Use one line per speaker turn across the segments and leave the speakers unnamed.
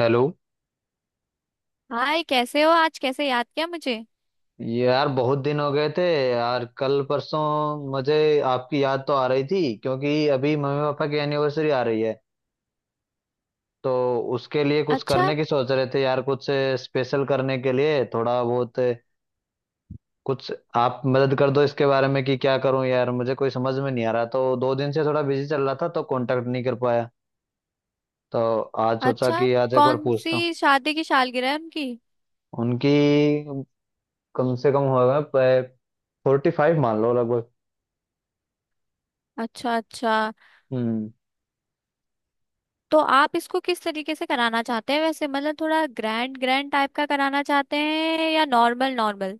Hello.
Hi. कैसे हो? आज कैसे याद किया मुझे?
ये यार बहुत दिन हो गए थे। यार कल परसों मुझे आपकी याद तो आ रही थी क्योंकि अभी मम्मी पापा की एनिवर्सरी आ रही है। तो उसके लिए कुछ
अच्छा,
करने की सोच रहे थे यार, कुछ स्पेशल करने के लिए थोड़ा बहुत कुछ आप मदद कर दो इसके बारे में कि क्या करूं यार, मुझे कोई समझ में नहीं आ रहा। तो 2 दिन से थोड़ा बिजी चल रहा था तो कांटेक्ट नहीं कर पाया। तो आज सोचा
अच्छा।
कि आज एक बार
कौन
पूछता हूँ।
सी शादी की सालगिरह है उनकी?
उनकी कम से कम होगा 45 मान लो लगभग।
अच्छा, अच्छा।
हम्म।
तो आप इसको किस तरीके से कराना चाहते हैं? वैसे मतलब थोड़ा ग्रैंड ग्रैंड टाइप का कराना चाहते हैं या नॉर्मल नॉर्मल?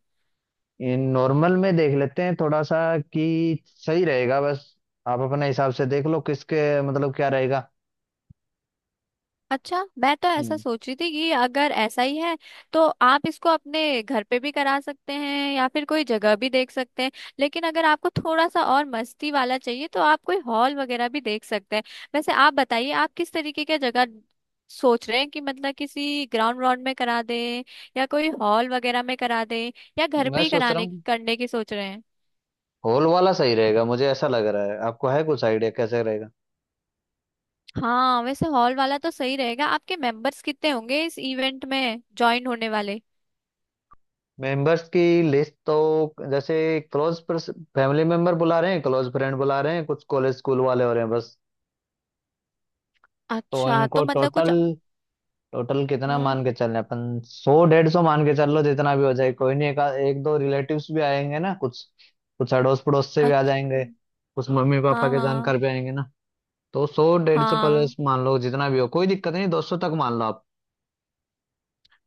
ये नॉर्मल में देख लेते हैं थोड़ा सा कि सही रहेगा बस। आप अपने हिसाब से देख लो, किसके मतलब क्या रहेगा।
अच्छा, मैं तो ऐसा
हम्म।
सोच रही थी कि अगर ऐसा ही है तो आप इसको अपने घर पे भी करा सकते हैं या फिर कोई जगह भी देख सकते हैं। लेकिन अगर आपको थोड़ा सा और मस्ती वाला चाहिए तो आप कोई हॉल वगैरह भी देख सकते हैं। वैसे आप बताइए आप किस तरीके की जगह सोच रहे हैं कि मतलब किसी ग्राउंड व्राउंड में करा दें या कोई हॉल वगैरह में करा दें या घर
मैं
पे ही
सोच रहा
कराने
हूँ
करने की सोच रहे हैं।
हॉल वाला सही रहेगा, मुझे ऐसा लग रहा है। आपको है कुछ आइडिया, कैसे रहेगा?
हाँ, वैसे हॉल वाला तो सही रहेगा। आपके मेंबर्स कितने होंगे इस इवेंट में ज्वाइन होने वाले?
मेंबर्स की लिस्ट तो जैसे क्लोज फैमिली मेंबर बुला रहे हैं, क्लोज फ्रेंड बुला रहे हैं, कुछ कॉलेज स्कूल वाले हो रहे हैं बस। तो
अच्छा, तो
इनको
मतलब
टोटल
कुछ।
टोटल कितना
हम्म।
मान के चल रहे हैं? अपन 100-150 मान के चल लो, जितना भी हो जाए कोई नहीं। एक दो रिलेटिव्स भी आएंगे ना। कुछ कुछ अड़ोस पड़ोस से भी आ
अच्छा।
जाएंगे। कुछ मम्मी
हाँ,
पापा के
हाँ,
जानकार भी आएंगे ना। तो 100-150
हाँ।
प्लस मान लो, जितना भी हो कोई दिक्कत नहीं। 200 तक मान लो आप।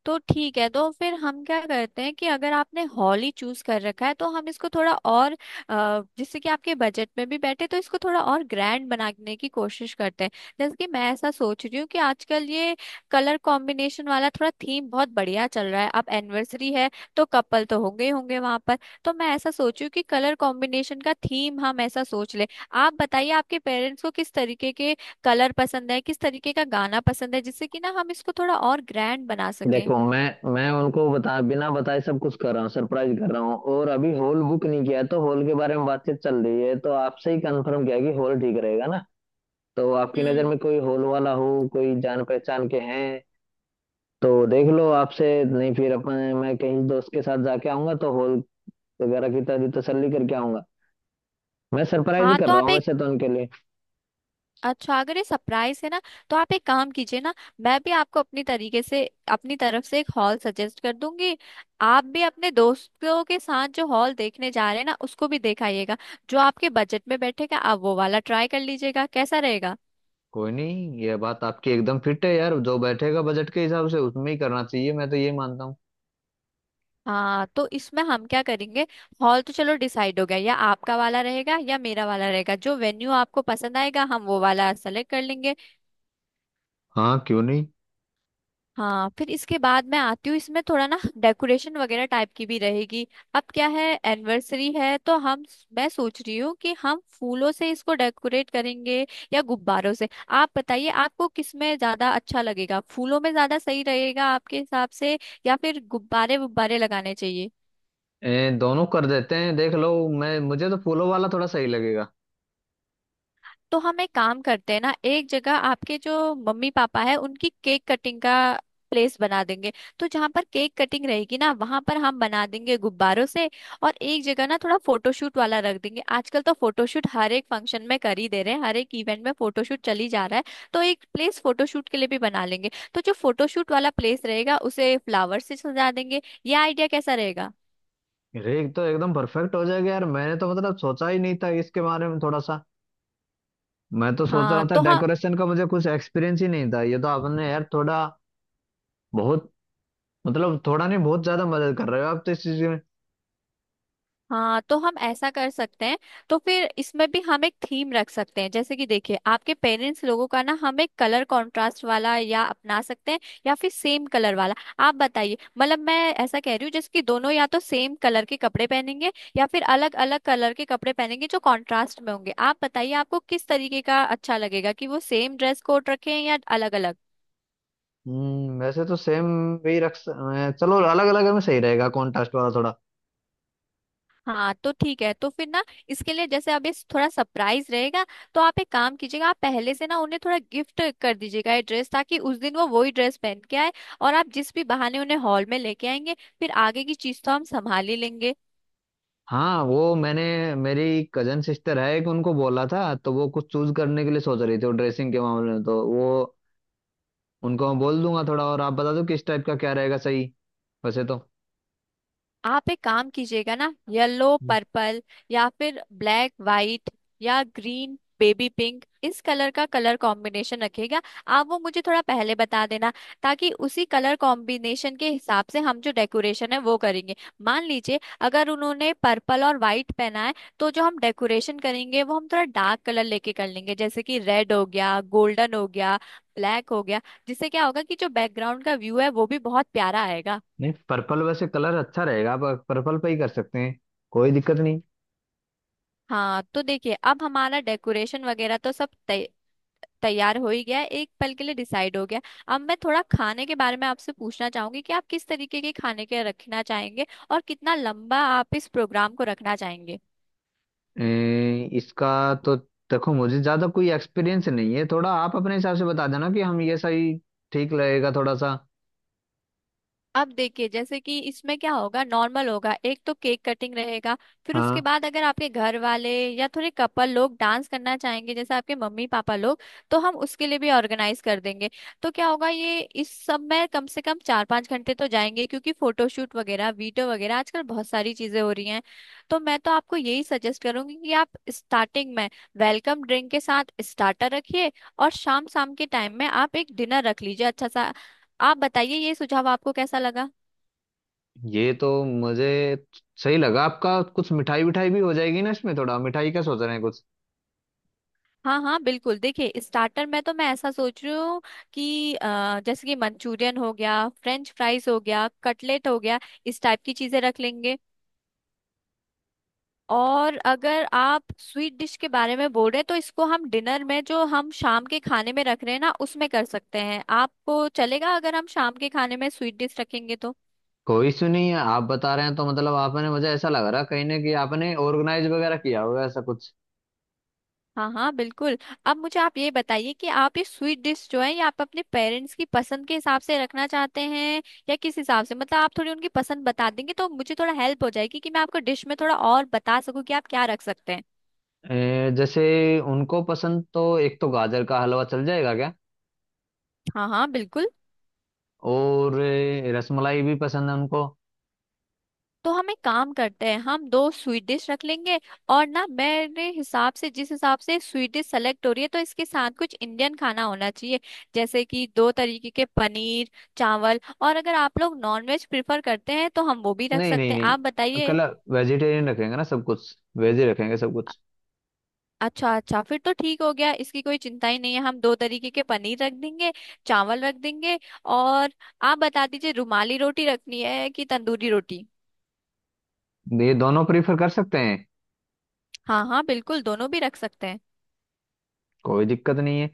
तो ठीक है, तो फिर हम क्या करते हैं कि अगर आपने हॉल ही चूज कर रखा है तो हम इसको थोड़ा और जिससे कि आपके बजट में भी बैठे तो इसको थोड़ा और ग्रैंड बनाने की कोशिश करते हैं। जैसे कि मैं ऐसा सोच रही हूँ कि आजकल ये कलर कॉम्बिनेशन वाला थोड़ा थीम बहुत बढ़िया चल रहा है। अब एनिवर्सरी है तो कपल तो होंगे ही होंगे वहां पर। तो मैं ऐसा सोच रही हूँ कि कलर कॉम्बिनेशन का थीम हम ऐसा सोच ले। आप बताइए आपके पेरेंट्स को किस तरीके के कलर पसंद है, किस तरीके का गाना पसंद है, जिससे कि ना हम इसको थोड़ा और ग्रैंड बना सकें।
देखो, मैं उनको बता बिना बताए सब कुछ कर रहा हूँ, सरप्राइज कर रहा हूँ। और अभी हॉल बुक नहीं किया है तो हॉल के बारे में बातचीत चल रही है। तो आपसे ही कंफर्म किया कि हॉल ठीक रहेगा ना। तो आपकी नज़र
हम्म।
में कोई हॉल वाला हो, कोई जान पहचान के हैं तो देख लो आपसे, नहीं फिर अपन, मैं कहीं दोस्त के साथ जाके आऊंगा तो हॉल वगैरह की तभी तसल्ली करके आऊंगा। मैं सरप्राइज ही
हाँ,
कर
तो
रहा
आप
हूँ
एक।
वैसे तो उनके लिए।
अच्छा, अगर ये सरप्राइज है ना तो आप एक काम कीजिए ना। मैं भी आपको अपनी तरीके से अपनी तरफ से एक हॉल सजेस्ट कर दूंगी। आप भी अपने दोस्तों के साथ जो हॉल देखने जा रहे हैं ना उसको भी दिखाइएगा। जो आपके बजट में बैठेगा आप वो वाला ट्राई कर लीजिएगा, कैसा रहेगा?
कोई नहीं, ये बात आपकी एकदम फिट है यार। जो बैठेगा बजट के हिसाब से उसमें ही करना चाहिए, मैं तो ये मानता हूँ।
हाँ, तो इसमें हम क्या करेंगे। हॉल तो चलो डिसाइड हो गया, या आपका वाला रहेगा या मेरा वाला रहेगा, जो वेन्यू आपको पसंद आएगा हम वो वाला सेलेक्ट कर लेंगे।
हाँ, क्यों नहीं।
हाँ, फिर इसके बाद मैं आती हूँ, इसमें थोड़ा ना डेकोरेशन वगैरह टाइप की भी रहेगी। अब क्या है, एनिवर्सरी है तो हम, मैं सोच रही हूँ कि हम फूलों से इसको डेकोरेट करेंगे या गुब्बारों से। आप बताइए आपको किस में ज्यादा अच्छा लगेगा, फूलों में ज्यादा सही रहेगा आपके हिसाब से या फिर गुब्बारे गुब्बारे लगाने चाहिए?
दोनों कर देते हैं, देख लो। मैं मुझे तो फूलों वाला थोड़ा सही लगेगा।
तो हम एक काम करते हैं ना, एक जगह आपके जो मम्मी पापा है उनकी केक कटिंग का प्लेस बना देंगे। तो जहां पर केक कटिंग रहेगी ना वहां पर हम बना देंगे गुब्बारों से। और एक जगह ना थोड़ा फोटोशूट वाला रख देंगे। आजकल तो फोटोशूट हर एक फंक्शन में कर ही दे रहे हैं, हर एक इवेंट में फोटोशूट चली जा रहा है। तो एक प्लेस फोटोशूट के लिए भी बना लेंगे तो जो फोटोशूट वाला प्लेस रहेगा उसे फ्लावर से सजा देंगे। ये आइडिया कैसा रहेगा?
अरे एक तो एकदम परफेक्ट हो जाएगा यार। मैंने तो मतलब सोचा ही नहीं था इसके बारे में थोड़ा सा। मैं तो सोच रहा
हाँ
था
तो हाँ।
डेकोरेशन का मुझे कुछ एक्सपीरियंस ही नहीं था। ये तो आपने यार थोड़ा बहुत, मतलब थोड़ा नहीं बहुत ज्यादा मदद कर रहे हो आप तो इस चीज में।
हाँ, तो हम ऐसा कर सकते हैं। तो फिर इसमें भी हम एक थीम रख सकते हैं। जैसे कि देखिए आपके पेरेंट्स लोगों का ना हम एक कलर कंट्रास्ट वाला या अपना सकते हैं, या फिर सेम कलर वाला। आप बताइए, मतलब मैं ऐसा कह रही हूँ जैसे कि दोनों या तो सेम कलर के कपड़े पहनेंगे या फिर अलग अलग कलर के कपड़े पहनेंगे जो कॉन्ट्रास्ट में होंगे। आप बताइए आपको किस तरीके का अच्छा लगेगा कि वो सेम ड्रेस कोड रखें या अलग अलग?
हम्म। वैसे तो सेम वही रख चलो, अलग अलग में सही रहेगा, कॉन्ट्रास्ट वाला थोड़ा।
हाँ, तो ठीक है। तो फिर ना इसके लिए, जैसे अब ये थोड़ा सरप्राइज रहेगा तो आप एक काम कीजिएगा, आप पहले से ना उन्हें थोड़ा गिफ्ट कर दीजिएगा ये ड्रेस, ताकि उस दिन वो वही ड्रेस पहन के आए। और आप जिस भी बहाने उन्हें हॉल में लेके आएंगे, फिर आगे की चीज तो हम संभाल ही लेंगे।
हाँ वो मैंने, मेरी कजन सिस्टर है एक, उनको बोला था तो वो कुछ चूज करने के लिए सोच रही थी वो ड्रेसिंग के मामले में। तो वो उनको मैं बोल दूंगा, थोड़ा और आप बता दो किस टाइप का क्या रहेगा सही। वैसे तो
आप एक काम कीजिएगा ना, येलो
हम्म।
पर्पल या फिर ब्लैक वाइट या ग्रीन बेबी पिंक, इस कलर का कलर कॉम्बिनेशन रखिएगा। आप वो मुझे थोड़ा पहले बता देना, ताकि उसी कलर कॉम्बिनेशन के हिसाब से हम जो डेकोरेशन है वो करेंगे। मान लीजिए अगर उन्होंने पर्पल और वाइट पहना है तो जो हम डेकोरेशन करेंगे वो हम थोड़ा डार्क कलर लेके कर लेंगे, जैसे कि रेड हो गया, गोल्डन हो गया, ब्लैक हो गया। जिससे क्या होगा कि जो बैकग्राउंड का व्यू है वो भी बहुत प्यारा आएगा।
नहीं, पर्पल वैसे कलर अच्छा रहेगा, आप पर्पल पे ही कर सकते हैं, कोई दिक्कत नहीं।
हाँ, तो देखिए अब हमारा डेकोरेशन वगैरह तो सब तैयार हो ही गया है, एक पल के लिए डिसाइड हो गया। अब मैं थोड़ा खाने के बारे में आपसे पूछना चाहूंगी कि आप किस तरीके के खाने के रखना चाहेंगे और कितना लंबा आप इस प्रोग्राम को रखना चाहेंगे।
इसका तो देखो मुझे ज्यादा कोई एक्सपीरियंस नहीं है, थोड़ा आप अपने हिसाब से बता देना कि हम ये सही ठीक लगेगा थोड़ा सा।
अब देखिए जैसे कि इसमें क्या होगा, नॉर्मल होगा। एक तो केक कटिंग रहेगा, फिर उसके
हाँ,
बाद अगर आपके घर वाले या थोड़े कपल लोग डांस करना चाहेंगे जैसे आपके मम्मी पापा लोग, तो हम उसके लिए भी ऑर्गेनाइज कर देंगे। तो क्या होगा ये इस सब में कम से कम 4-5 घंटे तो जाएंगे क्योंकि फोटोशूट वगैरह वीडियो वगैरह आजकल बहुत सारी चीजें हो रही हैं। तो मैं तो आपको यही सजेस्ट करूंगी कि आप स्टार्टिंग में वेलकम ड्रिंक के साथ स्टार्टर रखिए, और शाम शाम के टाइम में आप एक डिनर रख लीजिए अच्छा सा। आप बताइए ये सुझाव आपको कैसा लगा?
ये तो मुझे सही लगा आपका। कुछ मिठाई विठाई भी हो जाएगी ना इसमें, थोड़ा मिठाई का सोच रहे हैं कुछ।
हाँ, हाँ, बिल्कुल। देखिए स्टार्टर में तो मैं ऐसा सोच रही हूँ कि जैसे कि मंचूरियन हो गया, फ्रेंच फ्राइज हो गया, कटलेट हो गया, इस टाइप की चीजें रख लेंगे। और अगर आप स्वीट डिश के बारे में बोल रहे हैं तो इसको हम डिनर में जो हम शाम के खाने में रख रहे हैं ना उसमें कर सकते हैं। आपको चलेगा अगर हम शाम के खाने में स्वीट डिश रखेंगे तो?
कोई इशू नहीं है, आप बता रहे हैं तो मतलब, आपने, मुझे ऐसा लग रहा कहीं ना कहीं आपने ऑर्गेनाइज वगैरह किया होगा ऐसा कुछ।
हाँ, हाँ, बिल्कुल। अब मुझे आप ये बताइए कि आप ये स्वीट डिश जो है ये आप अपने पेरेंट्स की पसंद के हिसाब से रखना चाहते हैं या किस हिसाब से? मतलब आप थोड़ी उनकी पसंद बता देंगे तो मुझे थोड़ा हेल्प हो जाएगी कि मैं आपको डिश में थोड़ा और बता सकूँ कि आप क्या रख सकते हैं।
जैसे उनको पसंद तो, एक तो गाजर का हलवा चल जाएगा क्या?
हाँ, हाँ, बिल्कुल।
और रसमलाई भी पसंद है उनको।
तो हम एक काम करते हैं, हम दो स्वीट डिश रख लेंगे। और ना, मेरे हिसाब से जिस हिसाब से स्वीट डिश सेलेक्ट हो रही है तो इसके साथ कुछ इंडियन खाना होना चाहिए, जैसे कि दो तरीके के पनीर, चावल। और अगर आप लोग नॉनवेज प्रिफर करते हैं तो हम वो भी रख
नहीं नहीं
सकते हैं, आप
नहीं, कल
बताइए।
वेजिटेरियन रखेंगे ना, सब कुछ वेज ही रखेंगे सब
अ-
कुछ।
अच्छा, अच्छा। फिर तो ठीक हो गया, इसकी कोई चिंता ही नहीं है। हम दो तरीके के पनीर रख देंगे, चावल रख देंगे और आप बता दीजिए रुमाली रोटी रखनी है कि तंदूरी रोटी?
ये दोनों प्रीफर कर सकते हैं,
हाँ, हाँ, बिल्कुल, दोनों भी रख सकते हैं।
कोई दिक्कत नहीं है।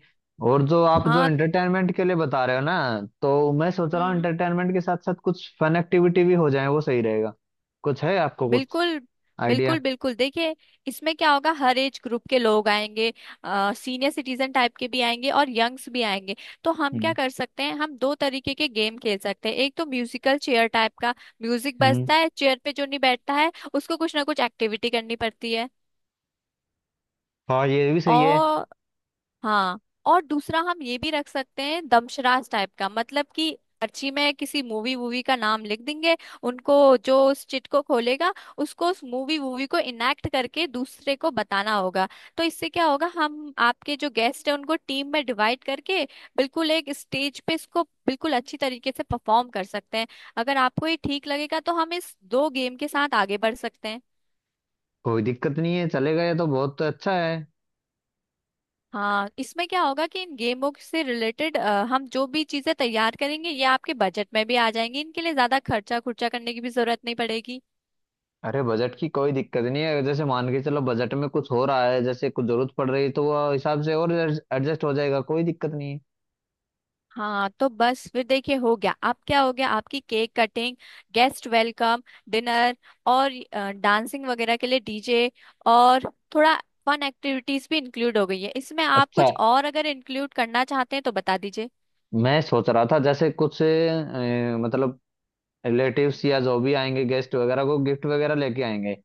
और जो आप जो
हाँ।
एंटरटेनमेंट के लिए बता रहे हो ना, तो मैं सोच रहा हूँ
हम्म।
एंटरटेनमेंट के साथ साथ कुछ फन एक्टिविटी भी हो जाए वो सही रहेगा। कुछ है आपको कुछ
बिल्कुल, बिल्कुल,
आइडिया?
बिल्कुल। देखिए इसमें क्या होगा, हर एज ग्रुप के लोग आएंगे, सीनियर सिटीजन टाइप के भी आएंगे और यंग्स भी आएंगे। तो हम क्या
हम्म।
कर सकते हैं, हम दो तरीके के गेम खेल सकते हैं। एक तो म्यूजिकल चेयर टाइप का, म्यूजिक
हम्म।
बजता है, चेयर पे जो नहीं बैठता है उसको कुछ ना कुछ एक्टिविटी करनी पड़ती
हाँ, ये भी सही है।
है। हाँ, और दूसरा हम ये भी रख सकते हैं, दमशराज टाइप का, मतलब कि पर्ची में किसी मूवी वूवी का नाम लिख देंगे उनको, जो उस चिट को खोलेगा उसको उस मूवी वूवी को इनेक्ट करके दूसरे को बताना होगा। तो इससे क्या होगा, हम आपके जो गेस्ट है उनको टीम में डिवाइड करके बिल्कुल एक स्टेज पे इसको बिल्कुल अच्छी तरीके से परफॉर्म कर सकते हैं। अगर आपको ये ठीक लगेगा तो हम इस दो गेम के साथ आगे बढ़ सकते हैं।
कोई दिक्कत नहीं है, चलेगा, ये तो बहुत अच्छा है।
हाँ, इसमें क्या होगा कि इन गेमों से रिलेटेड हम जो भी चीजें तैयार करेंगे ये आपके बजट में भी आ जाएंगी, इनके लिए ज्यादा खर्चा खुर्चा करने की भी जरूरत नहीं पड़ेगी।
अरे बजट की कोई दिक्कत नहीं है, जैसे मान के चलो बजट में कुछ हो रहा है, जैसे कुछ जरूरत पड़ रही है तो वो हिसाब से और एडजस्ट हो जाएगा, कोई दिक्कत नहीं है।
हाँ, तो बस फिर देखिए हो गया। अब क्या हो गया, आपकी cake cutting, guest welcome, dinner और डांसिंग वगैरह के लिए डीजे और थोड़ा फन एक्टिविटीज भी इंक्लूड हो गई है। इसमें आप
अच्छा,
कुछ और अगर इंक्लूड करना चाहते हैं तो बता दीजिए।
मैं सोच रहा था जैसे कुछ मतलब रिलेटिव्स या जो भी आएंगे गेस्ट वगैरह को गिफ्ट वगैरह लेके आएंगे,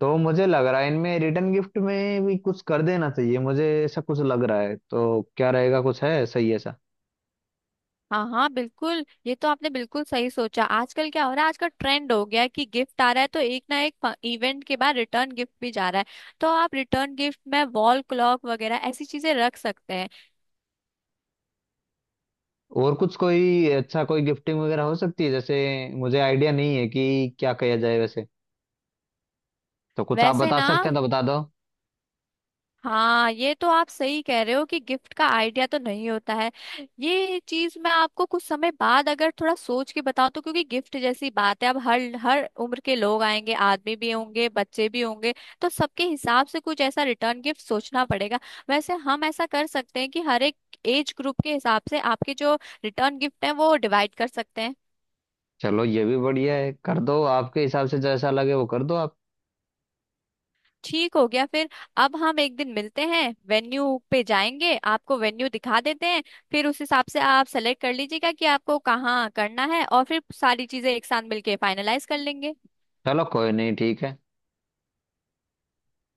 तो मुझे लग रहा है इनमें रिटर्न गिफ्ट में भी कुछ कर देना चाहिए। मुझे ऐसा कुछ लग रहा है, तो क्या रहेगा, कुछ है सही ऐसा?
हाँ, हाँ, बिल्कुल। ये तो आपने बिल्कुल सही सोचा। आजकल क्या हो रहा है, आजकल ट्रेंड हो गया है कि गिफ्ट आ रहा है तो एक ना एक इवेंट के बाद रिटर्न गिफ्ट भी जा रहा है। तो आप रिटर्न गिफ्ट में वॉल क्लॉक वगैरह ऐसी चीजें रख सकते हैं।
और कुछ कोई अच्छा कोई गिफ्टिंग वगैरह हो सकती है जैसे, मुझे आइडिया नहीं है कि क्या किया जाए वैसे, तो कुछ आप
वैसे
बता
ना,
सकते हैं तो बता दो।
हाँ, ये तो आप सही कह रहे हो कि गिफ्ट का आइडिया तो नहीं होता है। ये चीज मैं आपको कुछ समय बाद अगर थोड़ा सोच के बताऊं, तो क्योंकि गिफ्ट जैसी बात है, अब हर हर उम्र के लोग आएंगे, आदमी भी होंगे, बच्चे भी होंगे। तो सबके हिसाब से कुछ ऐसा रिटर्न गिफ्ट सोचना पड़ेगा। वैसे हम ऐसा कर सकते हैं कि हर एक एज ग्रुप के हिसाब से आपके जो रिटर्न गिफ्ट है वो डिवाइड कर सकते हैं।
चलो ये भी बढ़िया है, कर दो आपके हिसाब से जैसा लगे वो कर दो आप।
ठीक हो गया फिर। अब हम एक दिन मिलते हैं, वेन्यू पे जाएंगे, आपको वेन्यू दिखा देते हैं। फिर उस हिसाब से आप सेलेक्ट कर लीजिएगा कि आपको कहाँ करना है और फिर सारी चीजें एक साथ मिलके फाइनलाइज कर लेंगे।
चलो कोई नहीं, ठीक है।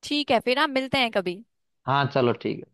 ठीक है, फिर हम मिलते हैं कभी।
हाँ चलो, ठीक।